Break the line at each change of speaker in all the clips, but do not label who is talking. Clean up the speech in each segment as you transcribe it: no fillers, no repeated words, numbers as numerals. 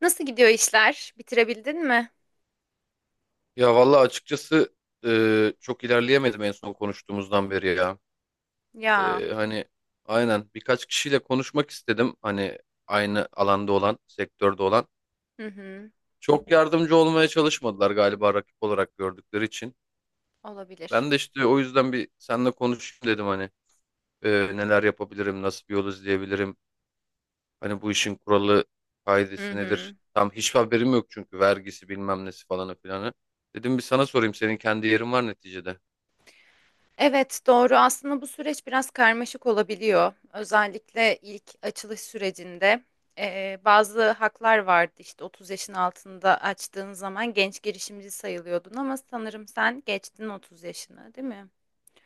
Nasıl gidiyor işler? Bitirebildin mi?
Ya vallahi açıkçası çok ilerleyemedim en son konuştuğumuzdan beri ya.
Ya,
E, hani aynen birkaç kişiyle konuşmak istedim. Hani aynı alanda olan, sektörde olan.
hı hı,
Çok yardımcı olmaya çalışmadılar galiba rakip olarak gördükleri için.
olabilir.
Ben de işte o yüzden bir seninle konuşayım dedim hani E, neler yapabilirim, nasıl bir yol izleyebilirim. Hani bu işin kuralı,
Hı
kaidesi
hı.
nedir? Tam hiçbir haberim yok çünkü vergisi bilmem nesi falanı filanı. Dedim bir sana sorayım, senin kendi yerin var neticede.
Evet, doğru. Aslında bu süreç biraz karmaşık olabiliyor. Özellikle ilk açılış sürecinde bazı haklar vardı. İşte 30 yaşın altında açtığın zaman genç girişimci sayılıyordun ama sanırım sen geçtin 30 yaşını, değil mi?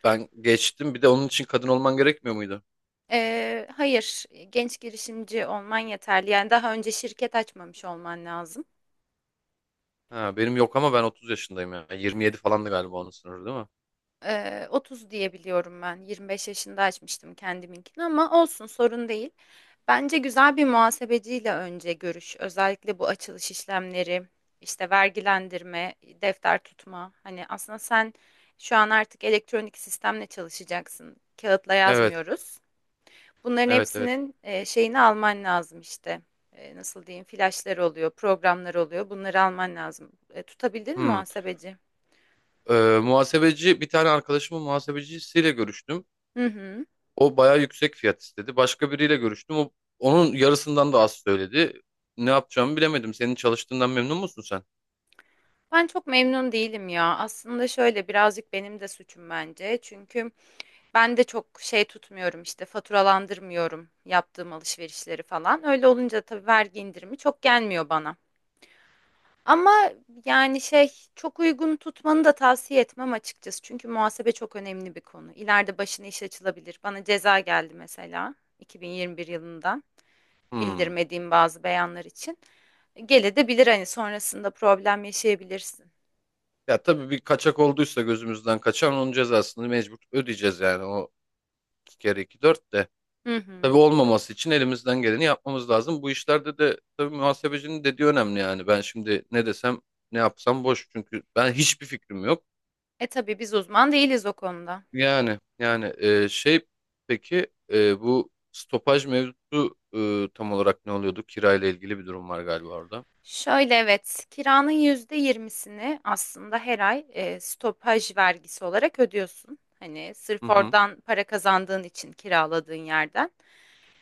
Ben geçtim, bir de onun için kadın olman gerekmiyor muydu?
Hayır, genç girişimci olman yeterli. Yani daha önce şirket açmamış olman lazım.
Ha, benim yok ama ben 30 yaşındayım ya. 27 falandı galiba onun sınırı, değil mi?
30 diyebiliyorum ben. 25 yaşında açmıştım kendiminkini ama olsun sorun değil. Bence güzel bir muhasebeciyle önce görüş. Özellikle bu açılış işlemleri, işte vergilendirme, defter tutma. Hani aslında sen şu an artık elektronik sistemle çalışacaksın. Kağıtla
Evet.
yazmıyoruz. Bunların
Evet, evet.
hepsinin şeyini alman lazım işte. Nasıl diyeyim? Flaşlar oluyor, programlar oluyor. Bunları alman lazım. Tutabildin mi
Hmm.
muhasebeci?
Ee, muhasebeci, bir tane arkadaşımın muhasebecisiyle görüştüm.
Hı hı.
O bayağı yüksek fiyat istedi. Başka biriyle görüştüm. Onun yarısından da az söyledi. Ne yapacağımı bilemedim. Senin çalıştığından memnun musun sen?
Ben çok memnun değilim ya. Aslında şöyle birazcık benim de suçum bence. Çünkü ben de çok şey tutmuyorum işte faturalandırmıyorum yaptığım alışverişleri falan. Öyle olunca tabii vergi indirimi çok gelmiyor bana. Ama yani şey çok uygun tutmanı da tavsiye etmem açıkçası. Çünkü muhasebe çok önemli bir konu. İleride başına iş açılabilir. Bana ceza geldi mesela 2021 yılından
Hmm.
bildirmediğim bazı beyanlar için. Gelebilir hani sonrasında problem yaşayabilirsin.
Ya tabii bir kaçak olduysa gözümüzden kaçan, onun cezasını mecbur ödeyeceğiz yani. O iki kere iki dört de.
Hı
Tabii
hı.
olmaması için elimizden geleni yapmamız lazım. Bu işlerde de tabii muhasebecinin dediği önemli yani. Ben şimdi ne desem ne yapsam boş çünkü ben hiçbir fikrim yok.
Tabii biz uzman değiliz o konuda.
Yani peki bu stopaj mevzusu tam olarak ne oluyordu? Kirayla ilgili bir durum var galiba orada.
Şöyle evet, kiranın %20'sini aslında her ay stopaj vergisi olarak ödüyorsun. Hani
Hı
sırf
hı.
oradan para kazandığın için kiraladığın yerden.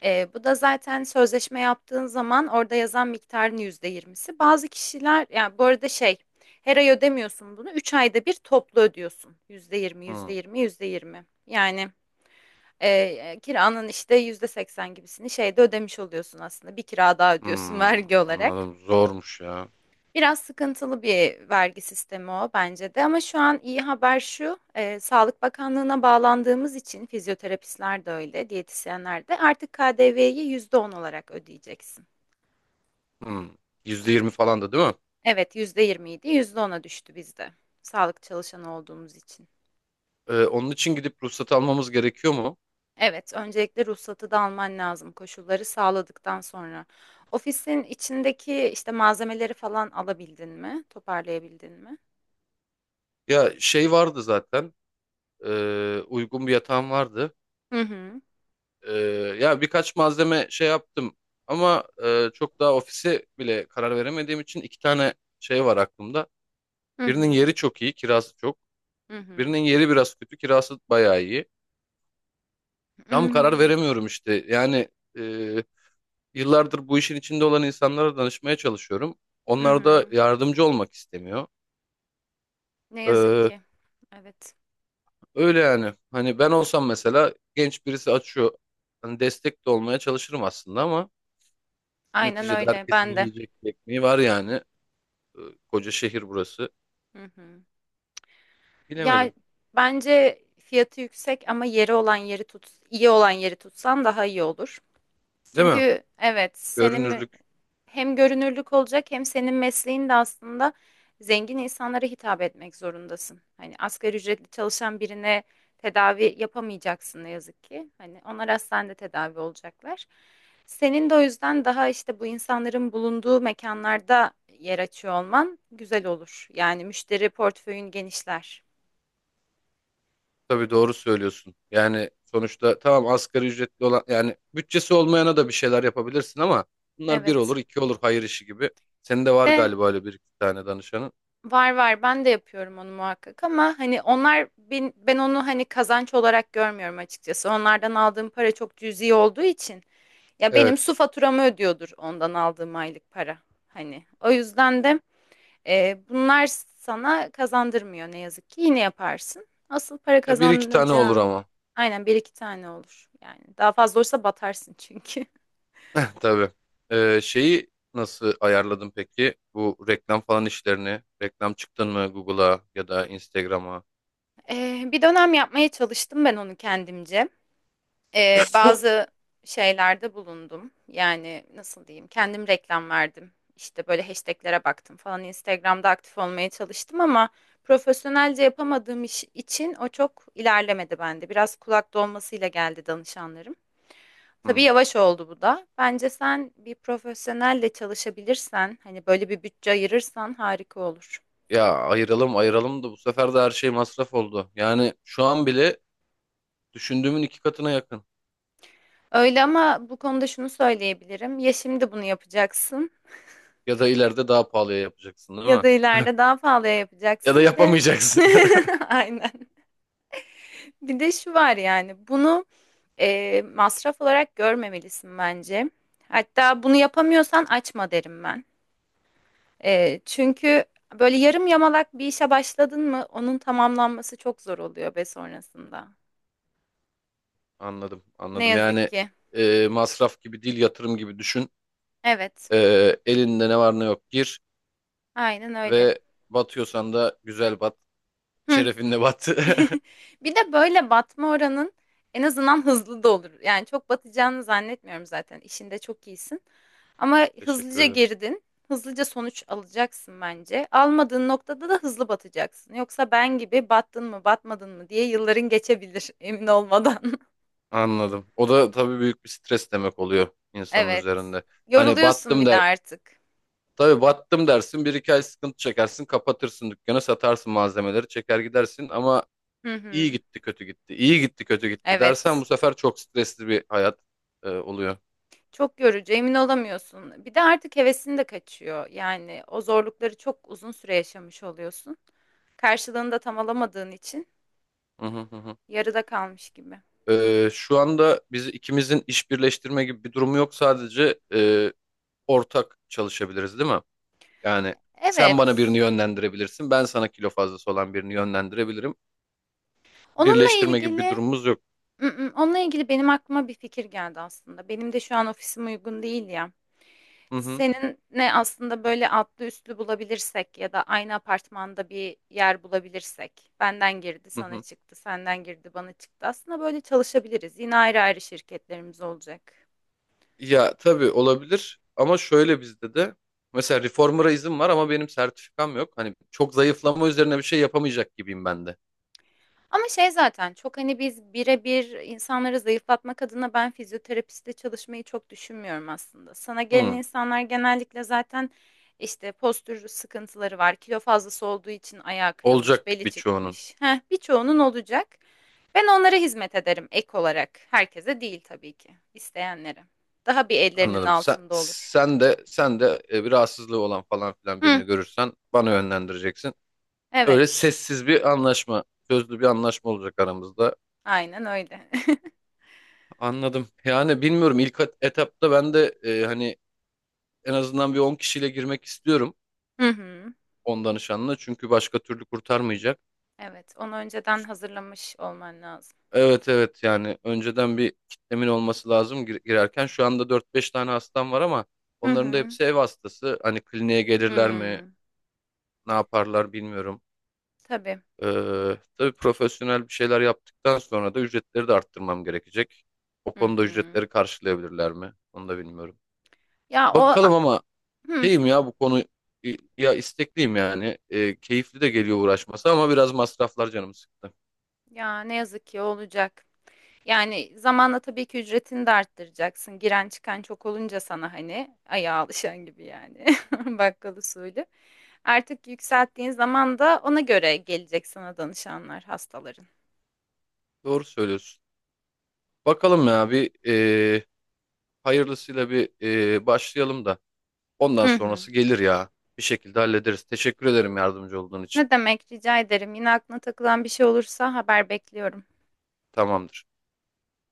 Bu da zaten sözleşme yaptığın zaman orada yazan miktarın %20'si. Bazı kişiler yani bu arada şey her ay ödemiyorsun bunu. 3 ayda bir toplu ödüyorsun. Yüzde yirmi, yüzde
Hı.
yirmi, yüzde yirmi. Yani. Kiranın işte %80 gibisini şeyde ödemiş oluyorsun aslında. Bir kira daha ödüyorsun
Hmm,
vergi olarak.
anladım. Zormuş ya.
Biraz sıkıntılı bir vergi sistemi o bence de ama şu an iyi haber şu Sağlık Bakanlığı'na bağlandığımız için fizyoterapistler de öyle, diyetisyenler de artık KDV'yi %10 olarak ödeyeceksin.
Hmm. %20 falan da değil mi?
Evet yüzde yirmi idi %10'a düştü bizde sağlık çalışanı olduğumuz için.
Onun için gidip ruhsat almamız gerekiyor mu?
Evet, öncelikle ruhsatı da alman lazım koşulları sağladıktan sonra. Ofisin içindeki işte malzemeleri falan alabildin mi? Toparlayabildin mi?
Ya şey vardı zaten. Uygun bir yatağım vardı.
Hı hı.
Ee, Ya birkaç malzeme şey yaptım ama çok daha ofise bile karar veremediğim için iki tane şey var aklımda.
Hı
Birinin
hı.
yeri çok iyi, kirası çok.
Hı hı.
Birinin yeri biraz kötü, kirası bayağı iyi. Tam
Hmm.
karar veremiyorum işte. Yani e, yıllardır bu işin içinde olan insanlara danışmaya çalışıyorum.
Hı
Onlar
hı.
da yardımcı olmak istemiyor.
Ne yazık
Ee,
ki. Evet.
Öyle yani. Hani ben olsam mesela genç birisi açıyor. Hani destek de olmaya çalışırım aslında ama
Aynen
neticede
öyle.
herkesin
Ben de.
yiyecek bir ekmeği var yani. e, Koca şehir burası.
Hı hı. Ya
Bilemedim.
bence fiyatı yüksek ama yeri olan yeri tut, iyi olan yeri tutsan daha iyi olur.
Değil mi?
Çünkü evet, senin mi?
Görünürlük,
Hem görünürlük olacak hem senin mesleğin de aslında zengin insanlara hitap etmek zorundasın. Hani asgari ücretli çalışan birine tedavi yapamayacaksın ne yazık ki. Hani onlar hastanede tedavi olacaklar. Senin de o yüzden daha işte bu insanların bulunduğu mekanlarda yer açıyor olman güzel olur. Yani müşteri portföyün genişler.
tabii doğru söylüyorsun. Yani sonuçta tamam, asgari ücretli olan yani bütçesi olmayana da bir şeyler yapabilirsin ama bunlar bir
Evet.
olur iki olur, hayır işi gibi. Senin de var
Ve
galiba öyle bir iki tane danışanın.
var var, ben de yapıyorum onu muhakkak ama hani onlar ben onu hani kazanç olarak görmüyorum açıkçası. Onlardan aldığım para çok cüzi olduğu için ya benim
Evet.
su faturamı ödüyordur ondan aldığım aylık para. Hani o yüzden de bunlar sana kazandırmıyor ne yazık ki yine yaparsın. Asıl para
Ya bir iki tane olur
kazanacağın
ama.
aynen bir iki tane olur yani daha fazla olursa batarsın çünkü.
Tabii. Şeyi nasıl ayarladın peki? Bu reklam falan işlerini. Reklam çıktın mı Google'a ya da Instagram'a?
Bir dönem yapmaya çalıştım ben onu kendimce. Bazı şeylerde bulundum. Yani nasıl diyeyim? Kendim reklam verdim. İşte böyle hashtaglere baktım falan. Instagram'da aktif olmaya çalıştım ama profesyonelce yapamadığım iş için o çok ilerlemedi bende. Biraz kulak dolmasıyla geldi danışanlarım. Tabii
Hmm.
yavaş oldu bu da. Bence sen bir profesyonelle çalışabilirsen, hani böyle bir bütçe ayırırsan harika olur.
Ya ayıralım ayıralım da bu sefer de her şey masraf oldu. Yani şu an bile düşündüğümün iki katına yakın.
Öyle ama bu konuda şunu söyleyebilirim. Ya şimdi bunu yapacaksın.
Ya da ileride daha pahalıya yapacaksın, değil
Ya da
mi?
ileride daha pahalıya
Ya da
yapacaksın. Bir de
yapamayacaksın.
aynen. Bir de şu var yani bunu masraf olarak görmemelisin bence. Hatta bunu yapamıyorsan açma derim ben. Çünkü böyle yarım yamalak bir işe başladın mı onun tamamlanması çok zor oluyor be sonrasında.
Anladım,
Ne
anladım.
yazık
Yani
ki.
masraf gibi değil, yatırım gibi düşün.
Evet,
E, Elinde ne var ne yok gir
aynen öyle.
ve batıyorsan da güzel bat.
Hı.
Şerefinle bat.
Bir de böyle batma oranın en azından hızlı da olur. Yani çok batacağını zannetmiyorum zaten. İşinde çok iyisin. Ama
Teşekkür
hızlıca
ederim.
girdin. Hızlıca sonuç alacaksın bence. Almadığın noktada da hızlı batacaksın. Yoksa ben gibi battın mı, batmadın mı diye yılların geçebilir emin olmadan.
Anladım. O da tabii büyük bir stres demek oluyor insanın
Evet.
üzerinde. Hani
Yoruluyorsun
battım
bir de
der.
artık.
Tabii battım dersin, bir iki ay sıkıntı çekersin, kapatırsın dükkanı, satarsın malzemeleri, çeker gidersin ama
Hı
iyi
hı.
gitti, kötü gitti, iyi gitti, kötü gitti dersen
Evet.
bu sefer çok stresli bir hayat oluyor.
Çok yorucu, emin olamıyorsun. Bir de artık hevesin de kaçıyor. Yani o zorlukları çok uzun süre yaşamış oluyorsun. Karşılığını da tam alamadığın için
Hı hı hı. Hı.
yarıda kalmış gibi.
Şu anda biz ikimizin iş birleştirme gibi bir durumu yok, sadece ortak çalışabiliriz, değil mi? Yani sen bana
Evet.
birini yönlendirebilirsin, ben sana kilo fazlası olan birini yönlendirebilirim.
Onunla
Birleştirme gibi bir
ilgili.
durumumuz yok.
Onunla ilgili benim aklıma bir fikir geldi aslında. Benim de şu an ofisim uygun değil ya.
Hı hı
Seninle aslında böyle altlı üstlü bulabilirsek ya da aynı apartmanda bir yer bulabilirsek. Benden girdi,
hı.
sana
Hı.
çıktı, senden girdi, bana çıktı. Aslında böyle çalışabiliriz. Yine ayrı ayrı şirketlerimiz olacak.
Ya tabii olabilir ama şöyle, bizde de mesela reformer'a izin var ama benim sertifikam yok. Hani çok zayıflama üzerine bir şey yapamayacak gibiyim ben de.
Ama şey zaten çok hani biz birebir insanları zayıflatmak adına ben fizyoterapiste çalışmayı çok düşünmüyorum aslında. Sana gelen
Hı,
insanlar genellikle zaten işte postür sıkıntıları var. Kilo fazlası olduğu için ayağı kırılmış,
olacak
beli
birçoğunun.
çıkmış. Heh, birçoğunun olacak. Ben onlara hizmet ederim ek olarak. Herkese değil tabii ki. İsteyenlere. Daha bir ellerinin
Anladım. Sen,
altında olur.
sen de sen de bir rahatsızlığı olan falan filan
Hı,
birini görürsen bana yönlendireceksin. Öyle
evet.
sessiz bir anlaşma, sözlü bir anlaşma olacak aramızda.
Aynen öyle.
Anladım. Yani bilmiyorum, ilk etapta ben de hani en azından bir 10 kişiyle girmek istiyorum,
Hı hı.
10 danışanla, çünkü başka türlü kurtarmayacak.
Evet, onu önceden hazırlamış olman lazım.
Evet, evet, yani önceden bir kitlemin olması lazım girerken. Şu anda dört beş tane hastam var ama
Hı
onların da
hı.
hepsi ev hastası. Hani kliniğe gelirler mi,
Hmm,
ne yaparlar bilmiyorum.
tabii.
Tabii profesyonel bir şeyler yaptıktan sonra da ücretleri de arttırmam gerekecek. O
Hı
konuda
hı.
ücretleri karşılayabilirler mi? Onu da bilmiyorum.
Ya
Bakalım ama
hı,
şeyim ya, bu konu, ya istekliyim yani. Keyifli de geliyor uğraşması ama biraz masraflar canımı sıktı.
ya ne yazık ki olacak. Yani zamanla tabii ki ücretini de arttıracaksın. Giren çıkan çok olunca sana hani ayağa alışan gibi yani. Bakkal usulü. Artık yükselttiğin zaman da ona göre gelecek sana danışanlar, hastaların.
Doğru söylüyorsun. Bakalım ya, bir hayırlısıyla bir başlayalım da ondan
Hı hı.
sonrası gelir ya. Bir şekilde hallederiz. Teşekkür ederim yardımcı olduğun için.
Ne demek rica ederim. Yine aklına takılan bir şey olursa haber bekliyorum.
Tamamdır.